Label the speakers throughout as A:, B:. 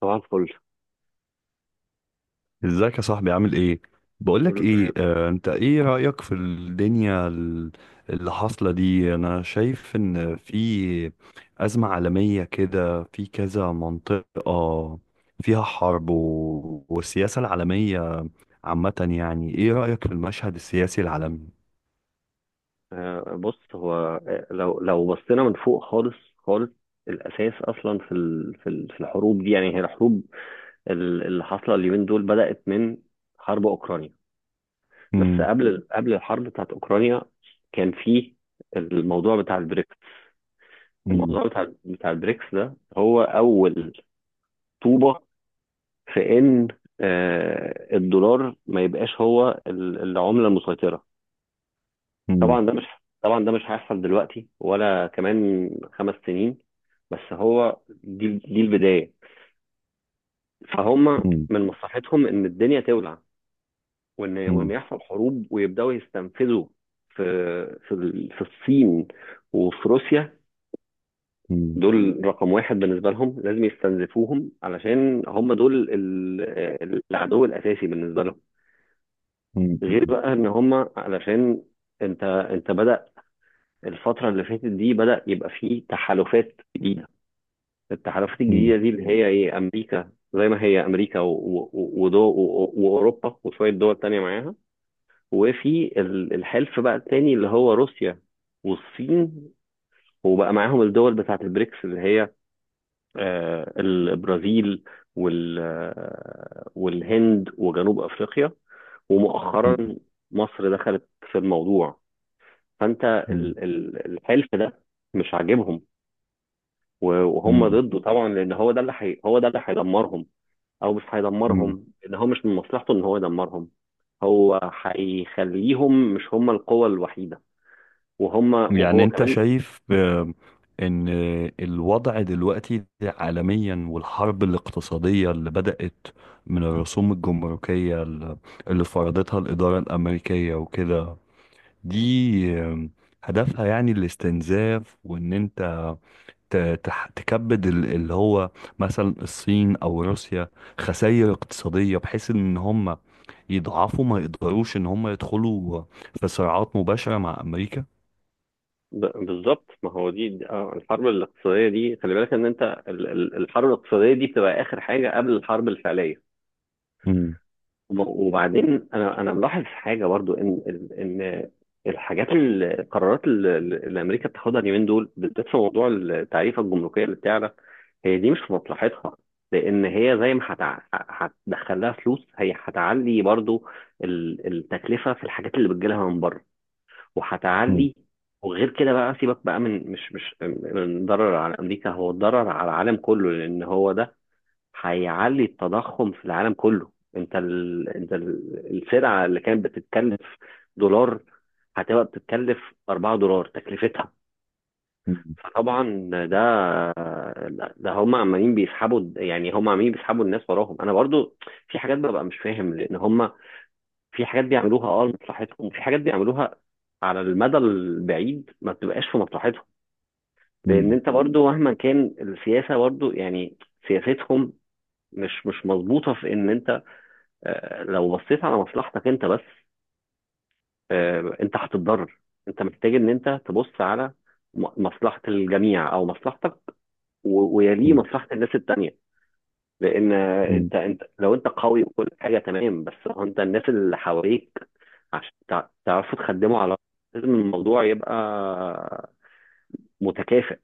A: طبعا فل.
B: ازيك يا صاحبي، عامل ايه؟ بقولك
A: كله
B: ايه،
A: تمام.
B: انت ايه رأيك في الدنيا اللي حاصلة دي. انا شايف ان في أزمة عالمية كده، في كذا منطقة فيها حرب والسياسة العالمية عامة. يعني ايه رأيك في المشهد السياسي العالمي؟
A: آه، بص هو. آه، لو بصينا من فوق خالص خالص، الاساس اصلا في الحروب دي. يعني هي الحروب ال- اللي حاصله اليومين دول بدات من حرب اوكرانيا. بس
B: مم.
A: قبل الحرب بتاعت اوكرانيا كان في الموضوع بتاع البريكس.
B: مم.
A: الموضوع بتاع البريكس ده هو اول طوبه في ان آه، الدولار ما يبقاش هو ال- العمله المسيطره.
B: مم.
A: طبعا ده مش طبعا ده مش هيحصل دلوقتي ولا كمان 5 سنين. بس هو دي البداية. فهم
B: مم.
A: من مصلحتهم ان الدنيا تولع، وان
B: مم.
A: يحصل حروب ويبداوا يستنفذوا في في الصين وفي روسيا.
B: مم.
A: دول رقم واحد بالنسبة لهم، لازم يستنزفوهم علشان هم دول ال- ال- العدو الأساسي بالنسبة لهم.
B: مم.
A: غير بقى ان هم، علشان انت بدأ الفترة اللي فاتت دي، بدأ يبقى فيه تحالفات جديدة. التحالفات
B: مم.
A: الجديدة دي اللي هي إيه، أمريكا زي ما هي أمريكا و- و- و- ودو و- و- وأوروبا وشوية دول تانية معاها. وفي ال- الحلف بقى التاني اللي هو روسيا والصين، وبقى معاهم الدول بتاعت البريكس اللي هي آه، البرازيل وال آه، والهند وجنوب أفريقيا. ومؤخرا مصر دخلت في الموضوع. فانت
B: مم.
A: ال- ال- الحلف ده مش عاجبهم. و- وهم
B: مم.
A: ضده طبعا لان هو ده اللي حي... هو ده اللي هيدمرهم. او مش
B: مم.
A: هيدمرهم، ان هو مش من مصلحته ان هو يدمرهم. هو هيخليهم مش هم القوة الوحيدة، وهم
B: يعني
A: وهو
B: انت
A: كمان.
B: شايف، ان الوضع دلوقتي عالميا والحرب الاقتصادية اللي بدأت من الرسوم الجمركية اللي فرضتها الإدارة الأمريكية وكده، دي آه، هدفها يعني الاستنزاف، وان انت تكبد اللي هو مثلا الصين او روسيا خسائر اقتصادية، بحيث ان هم يضعفوا ما يقدروش ان هم يدخلوا في صراعات مباشرة مع امريكا.
A: ب- بالظبط، ما هو دي آه، الحرب الاقتصادية دي، خلي بالك ان انت ال- ال- الحرب الاقتصادية دي بتبقى اخر حاجة قبل الحرب الفعلية.
B: مم.
A: وب- وبعدين انا ملاحظ حاجة برضو ان ان الحاجات ال- القرارات اللي امريكا بتاخدها اليومين دول بالذات في موضوع التعريفة الجمركية اللي بتعلى، هي دي مش في مصلحتها. لان هي زي ما هتع- هتدخل لها فلوس، هي هتعلي برضو ال- التكلفه في الحاجات اللي بتجيلها من بره، وهتعلي. وغير كده بقى سيبك بقى من مش من ضرر على امريكا، هو الضرر على العالم كله لان هو ده هيعلي التضخم في العالم كله. انت ال... انت ال- السلعه اللي كانت بتتكلف دولار، هتبقى بتتكلف 4 دولار تكلفتها.
B: مم.
A: فطبعا ده، ده هم عمالين بيسحبوا. يعني هم عمالين بيسحبوا الناس وراهم. انا برضو في حاجات ببقى مش فاهم، لان هم في حاجات بيعملوها اه لمصلحتهم، وفي حاجات بيعملوها على المدى البعيد ما بتبقاش في مصلحتهم. لان
B: مم.
A: انت برضو مهما كان السياسه برضو يعني سياستهم مش مظبوطه. في ان انت آه، لو بصيت على مصلحتك انت بس، آه، انت هتتضرر. انت محتاج ان انت تبص على م- مصلحه الجميع او مصلحتك، و- ويليه
B: مم.
A: مصلحه الناس التانيه. لان
B: مم.
A: انت لو انت قوي وكل حاجه تمام، بس هو انت الناس اللي حواليك عشان تع- تعرفوا تخدموا على بعض، لازم الموضوع يبقى متكافئ.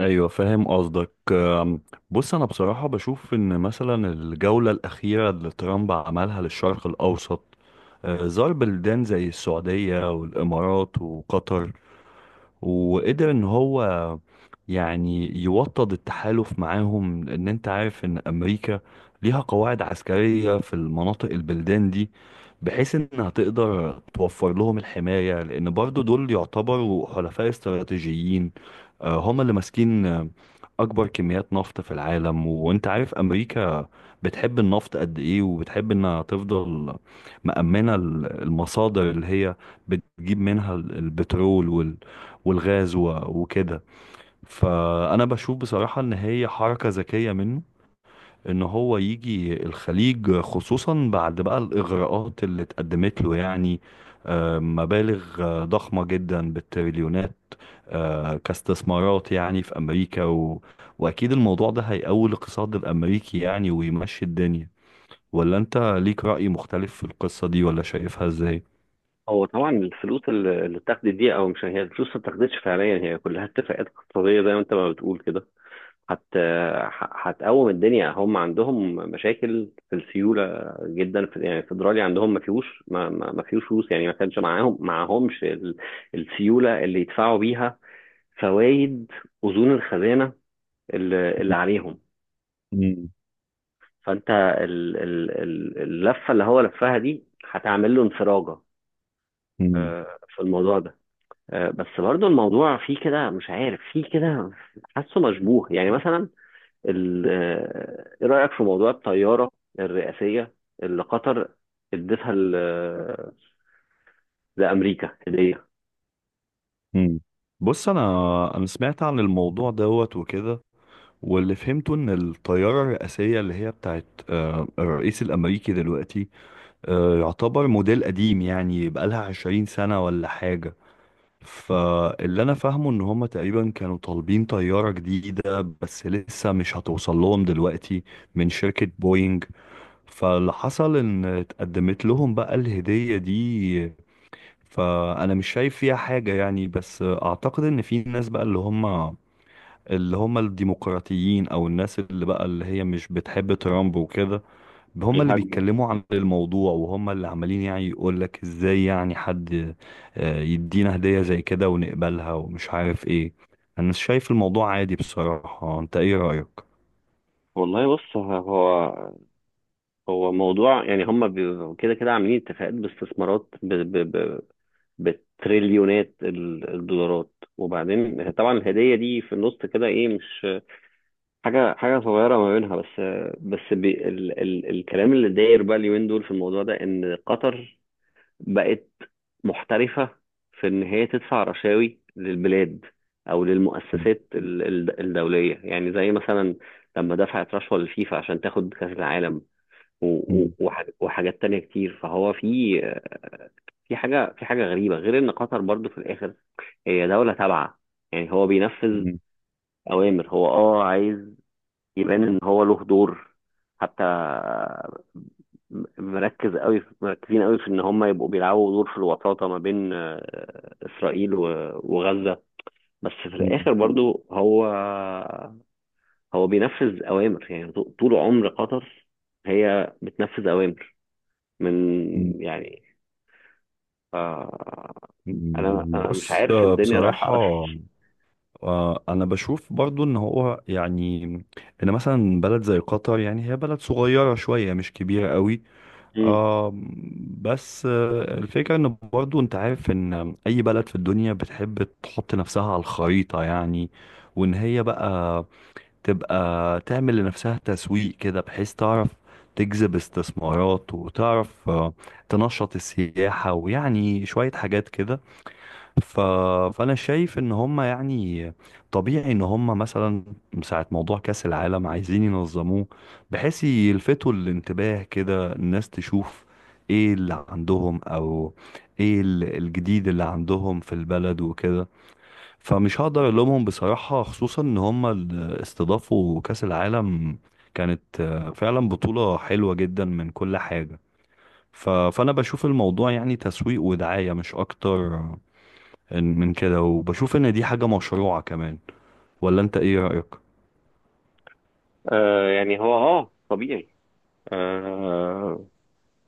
B: ايوه، فاهم قصدك. بص، انا بصراحه بشوف ان مثلا الجوله الاخيره اللي ترامب عملها للشرق الاوسط، زار بلدان زي السعوديه والامارات وقطر، وقدر ان هو يعني يوطد التحالف معاهم، لان انت عارف ان امريكا ليها قواعد عسكرية في المناطق البلدان دي، بحيث انها تقدر توفر لهم الحماية، لان برضو دول يعتبروا حلفاء استراتيجيين. هم اللي ماسكين اكبر كميات نفط في العالم، وانت عارف امريكا بتحب النفط قد ايه، وبتحب انها تفضل مأمنة المصادر اللي هي بتجيب منها البترول والغاز وكده. فانا بشوف بصراحة ان هي حركة ذكية منه، ان هو يجي الخليج، خصوصا بعد بقى الاغراءات اللي اتقدمت له، يعني مبالغ ضخمة جدا بالتريليونات، كاستثمارات يعني في امريكا واكيد الموضوع ده هيقوي الاقتصاد الامريكي يعني ويمشي الدنيا. ولا انت ليك رأي مختلف في القصة دي، ولا شايفها ازاي؟
A: هو طبعا الفلوس اللي اتاخدت دي، او مش هي الفلوس ما اتاخدتش فعليا، هي كلها اتفاقات اقتصاديه زي ما انت ما بتقول كده. هت ح- هتقوم الدنيا. هم عندهم مشاكل في السيوله جدا. في يعني الفدرالي عندهم ما فيهوش ما فيهوش فلوس. يعني ما كانش معاهم معاهمش ال- السيوله اللي يدفعوا بيها فوائد اذون الخزانه اللي عليهم.
B: مم.
A: فانت ال- ال- ال- اللفه اللي هو لفها دي هتعمل له انفراجه
B: مم.
A: آه، في الموضوع ده. آه، بس برضو الموضوع فيه كده مش عارف فيه كده، حاسه مشبوه. يعني مثلا ال- آه، ايه رأيك في موضوع الطيارة الرئاسية اللي قطر ادتها ل- لأمريكا هدية؟
B: مم. بص، انا سمعت عن الموضوع دوت وكده، واللي فهمته ان الطيارة الرئاسية اللي هي بتاعت الرئيس الامريكي دلوقتي يعتبر موديل قديم، يعني بقالها 20 سنة ولا حاجة. فاللي انا فاهمه ان هما تقريبا كانوا طالبين طيارة جديدة، بس لسه مش هتوصل لهم دلوقتي من شركة بوينج. فاللي حصل ان اتقدمت لهم بقى الهدية دي. فانا مش شايف فيها حاجة يعني، بس اعتقد ان في ناس بقى اللي هم الديمقراطيين، او الناس اللي بقى اللي هي مش بتحب ترامب وكده. هم اللي
A: بيهاجموا.
B: بيتكلموا عن الموضوع، وهم اللي عمالين يعني يقول لك ازاي يعني حد يدينا هدية زي كده ونقبلها، ومش عارف ايه. انا شايف الموضوع عادي بصراحة، انت ايه رأيك؟
A: والله، بص، ه- هو هو موضوع يعني هم بي- كده كده عاملين اتفاقات باستثمارات ب... ب... ب... بتريليونات ال- الدولارات. وبعدين طبعا الهدية دي في النص كده ايه، مش حاجة حاجة صغيرة ما بينها. بس بي... ال... ال... الكلام اللي داير بقى اليومين دول في الموضوع ده ان قطر بقت محترفة في إن هي تدفع رشاوي للبلاد أو للمؤسسات ال- ال- الدولية. يعني زي مثلا لما دفعت رشوة للفيفا عشان تاخد كأس العالم، و- و- وح- وحاجات تانية كتير. فهو في في حاجة في حاجة غريبة. غير إن قطر برضو في الآخر هي دولة تابعة، يعني هو بينفذ أوامر. هو أه عايز يبان ان هو له دور. حتى مركز قوي، مركزين قوي، في ان هم يبقوا بيلعبوا دور في الوساطه ما بين آه، اسرائيل و- وغزه. بس في الاخر برضو، هو بينفذ اوامر. يعني ط- طول عمر قطر هي بتنفذ اوامر من يعني آه، انا مش
B: بص،
A: عارف الدنيا رايحه
B: بصراحة
A: على فين.
B: أنا بشوف برضو إن هو يعني إن مثلا بلد زي قطر يعني هي بلد صغيرة شوية، مش كبيرة قوي.
A: مم.
B: آه. بس الفكرة ان برضو انت عارف ان اي بلد في الدنيا بتحب تحط نفسها على الخريطة، يعني وان هي بقى تبقى تعمل لنفسها تسويق كده، بحيث تعرف تجذب استثمارات، وتعرف تنشط السياحة، ويعني شوية حاجات كده. ف... فانا شايف ان هم يعني طبيعي ان هم مثلا ساعة موضوع كأس العالم عايزين ينظموه، بحيث يلفتوا الانتباه كده الناس تشوف ايه اللي عندهم، او ايه الجديد اللي عندهم في البلد وكده. فمش هقدر الومهم بصراحة، خصوصا ان هم استضافوا كأس العالم، كانت فعلا بطولة حلوة جدا من كل حاجة. فانا بشوف الموضوع يعني تسويق ودعاية مش اكتر من كده، وبشوف ان دي حاجة مشروعة كمان. ولا انت ايه رأيك؟
A: آه، يعني هو اه طبيعي. آه،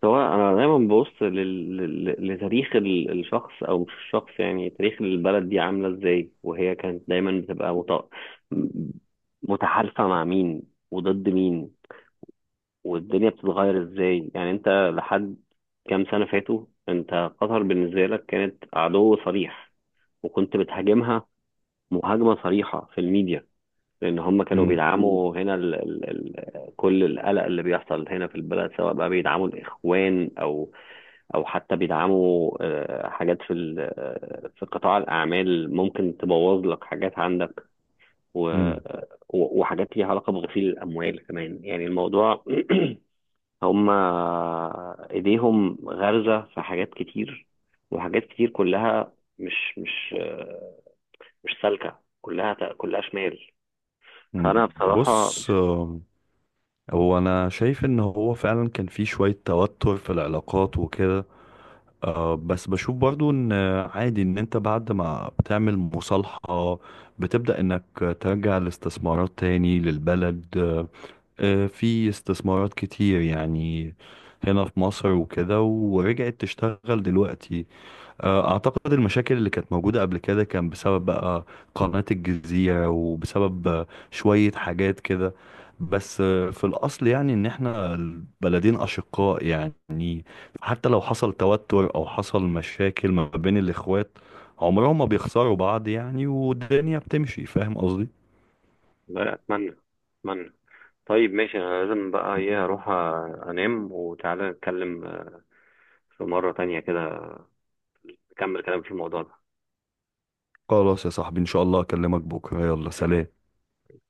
A: سواء انا دايما ببص لل... لل- لتاريخ ال- الشخص او مش الشخص، يعني تاريخ البلد دي عامله ازاي وهي كانت دايما بتبقى مت... متحالفه مع مين وضد مين. والدنيا بتتغير ازاي. يعني انت لحد كام سنه فاتوا انت قطر بالنسبه لك كانت عدو صريح، وكنت بتهاجمها مهاجمه صريحه في الميديا، لان هم كانوا
B: مم.
A: بيدعموا هنا ال... ال... ال... كل القلق اللي بيحصل هنا في البلد، سواء بقى بيدعموا الاخوان او او حتى بيدعموا آه، حاجات في ال- آه، في قطاع الاعمال ممكن تبوظ لك حاجات عندك، و-
B: مم.
A: آه، و- وحاجات ليها علاقه بغسيل الاموال كمان. يعني الموضوع هم ايديهم غارزه في حاجات كتير. وحاجات كتير كلها مش آه، مش سالكه، كلها كلها شمال.
B: مم.
A: فانا بصراحه.
B: بص، هو انا شايف ان هو فعلا كان في شوية توتر في العلاقات وكده. بس بشوف برضو ان عادي ان انت بعد ما بتعمل مصالحة، بتبدأ انك ترجع الاستثمارات تاني للبلد. في استثمارات كتير يعني هنا في مصر وكده، ورجعت تشتغل دلوقتي. أعتقد المشاكل اللي كانت موجودة قبل كده كان بسبب بقى قناة الجزيرة، وبسبب شوية حاجات كده. بس في الأصل يعني إن إحنا البلدين أشقاء، يعني حتى لو حصل توتر أو حصل مشاكل ما بين الإخوات، عمرهم ما بيخسروا بعض، يعني والدنيا بتمشي. فاهم قصدي؟
A: لا، اتمنى، اتمنى. طيب ماشي، انا لازم بقى ايه اروح انام. وتعالى نتكلم آه، في مرة تانية كده، نكمل كلام في الموضوع ده.
B: خلاص يا صاحبي، إن شاء الله أكلمك بكرة، يلا سلام.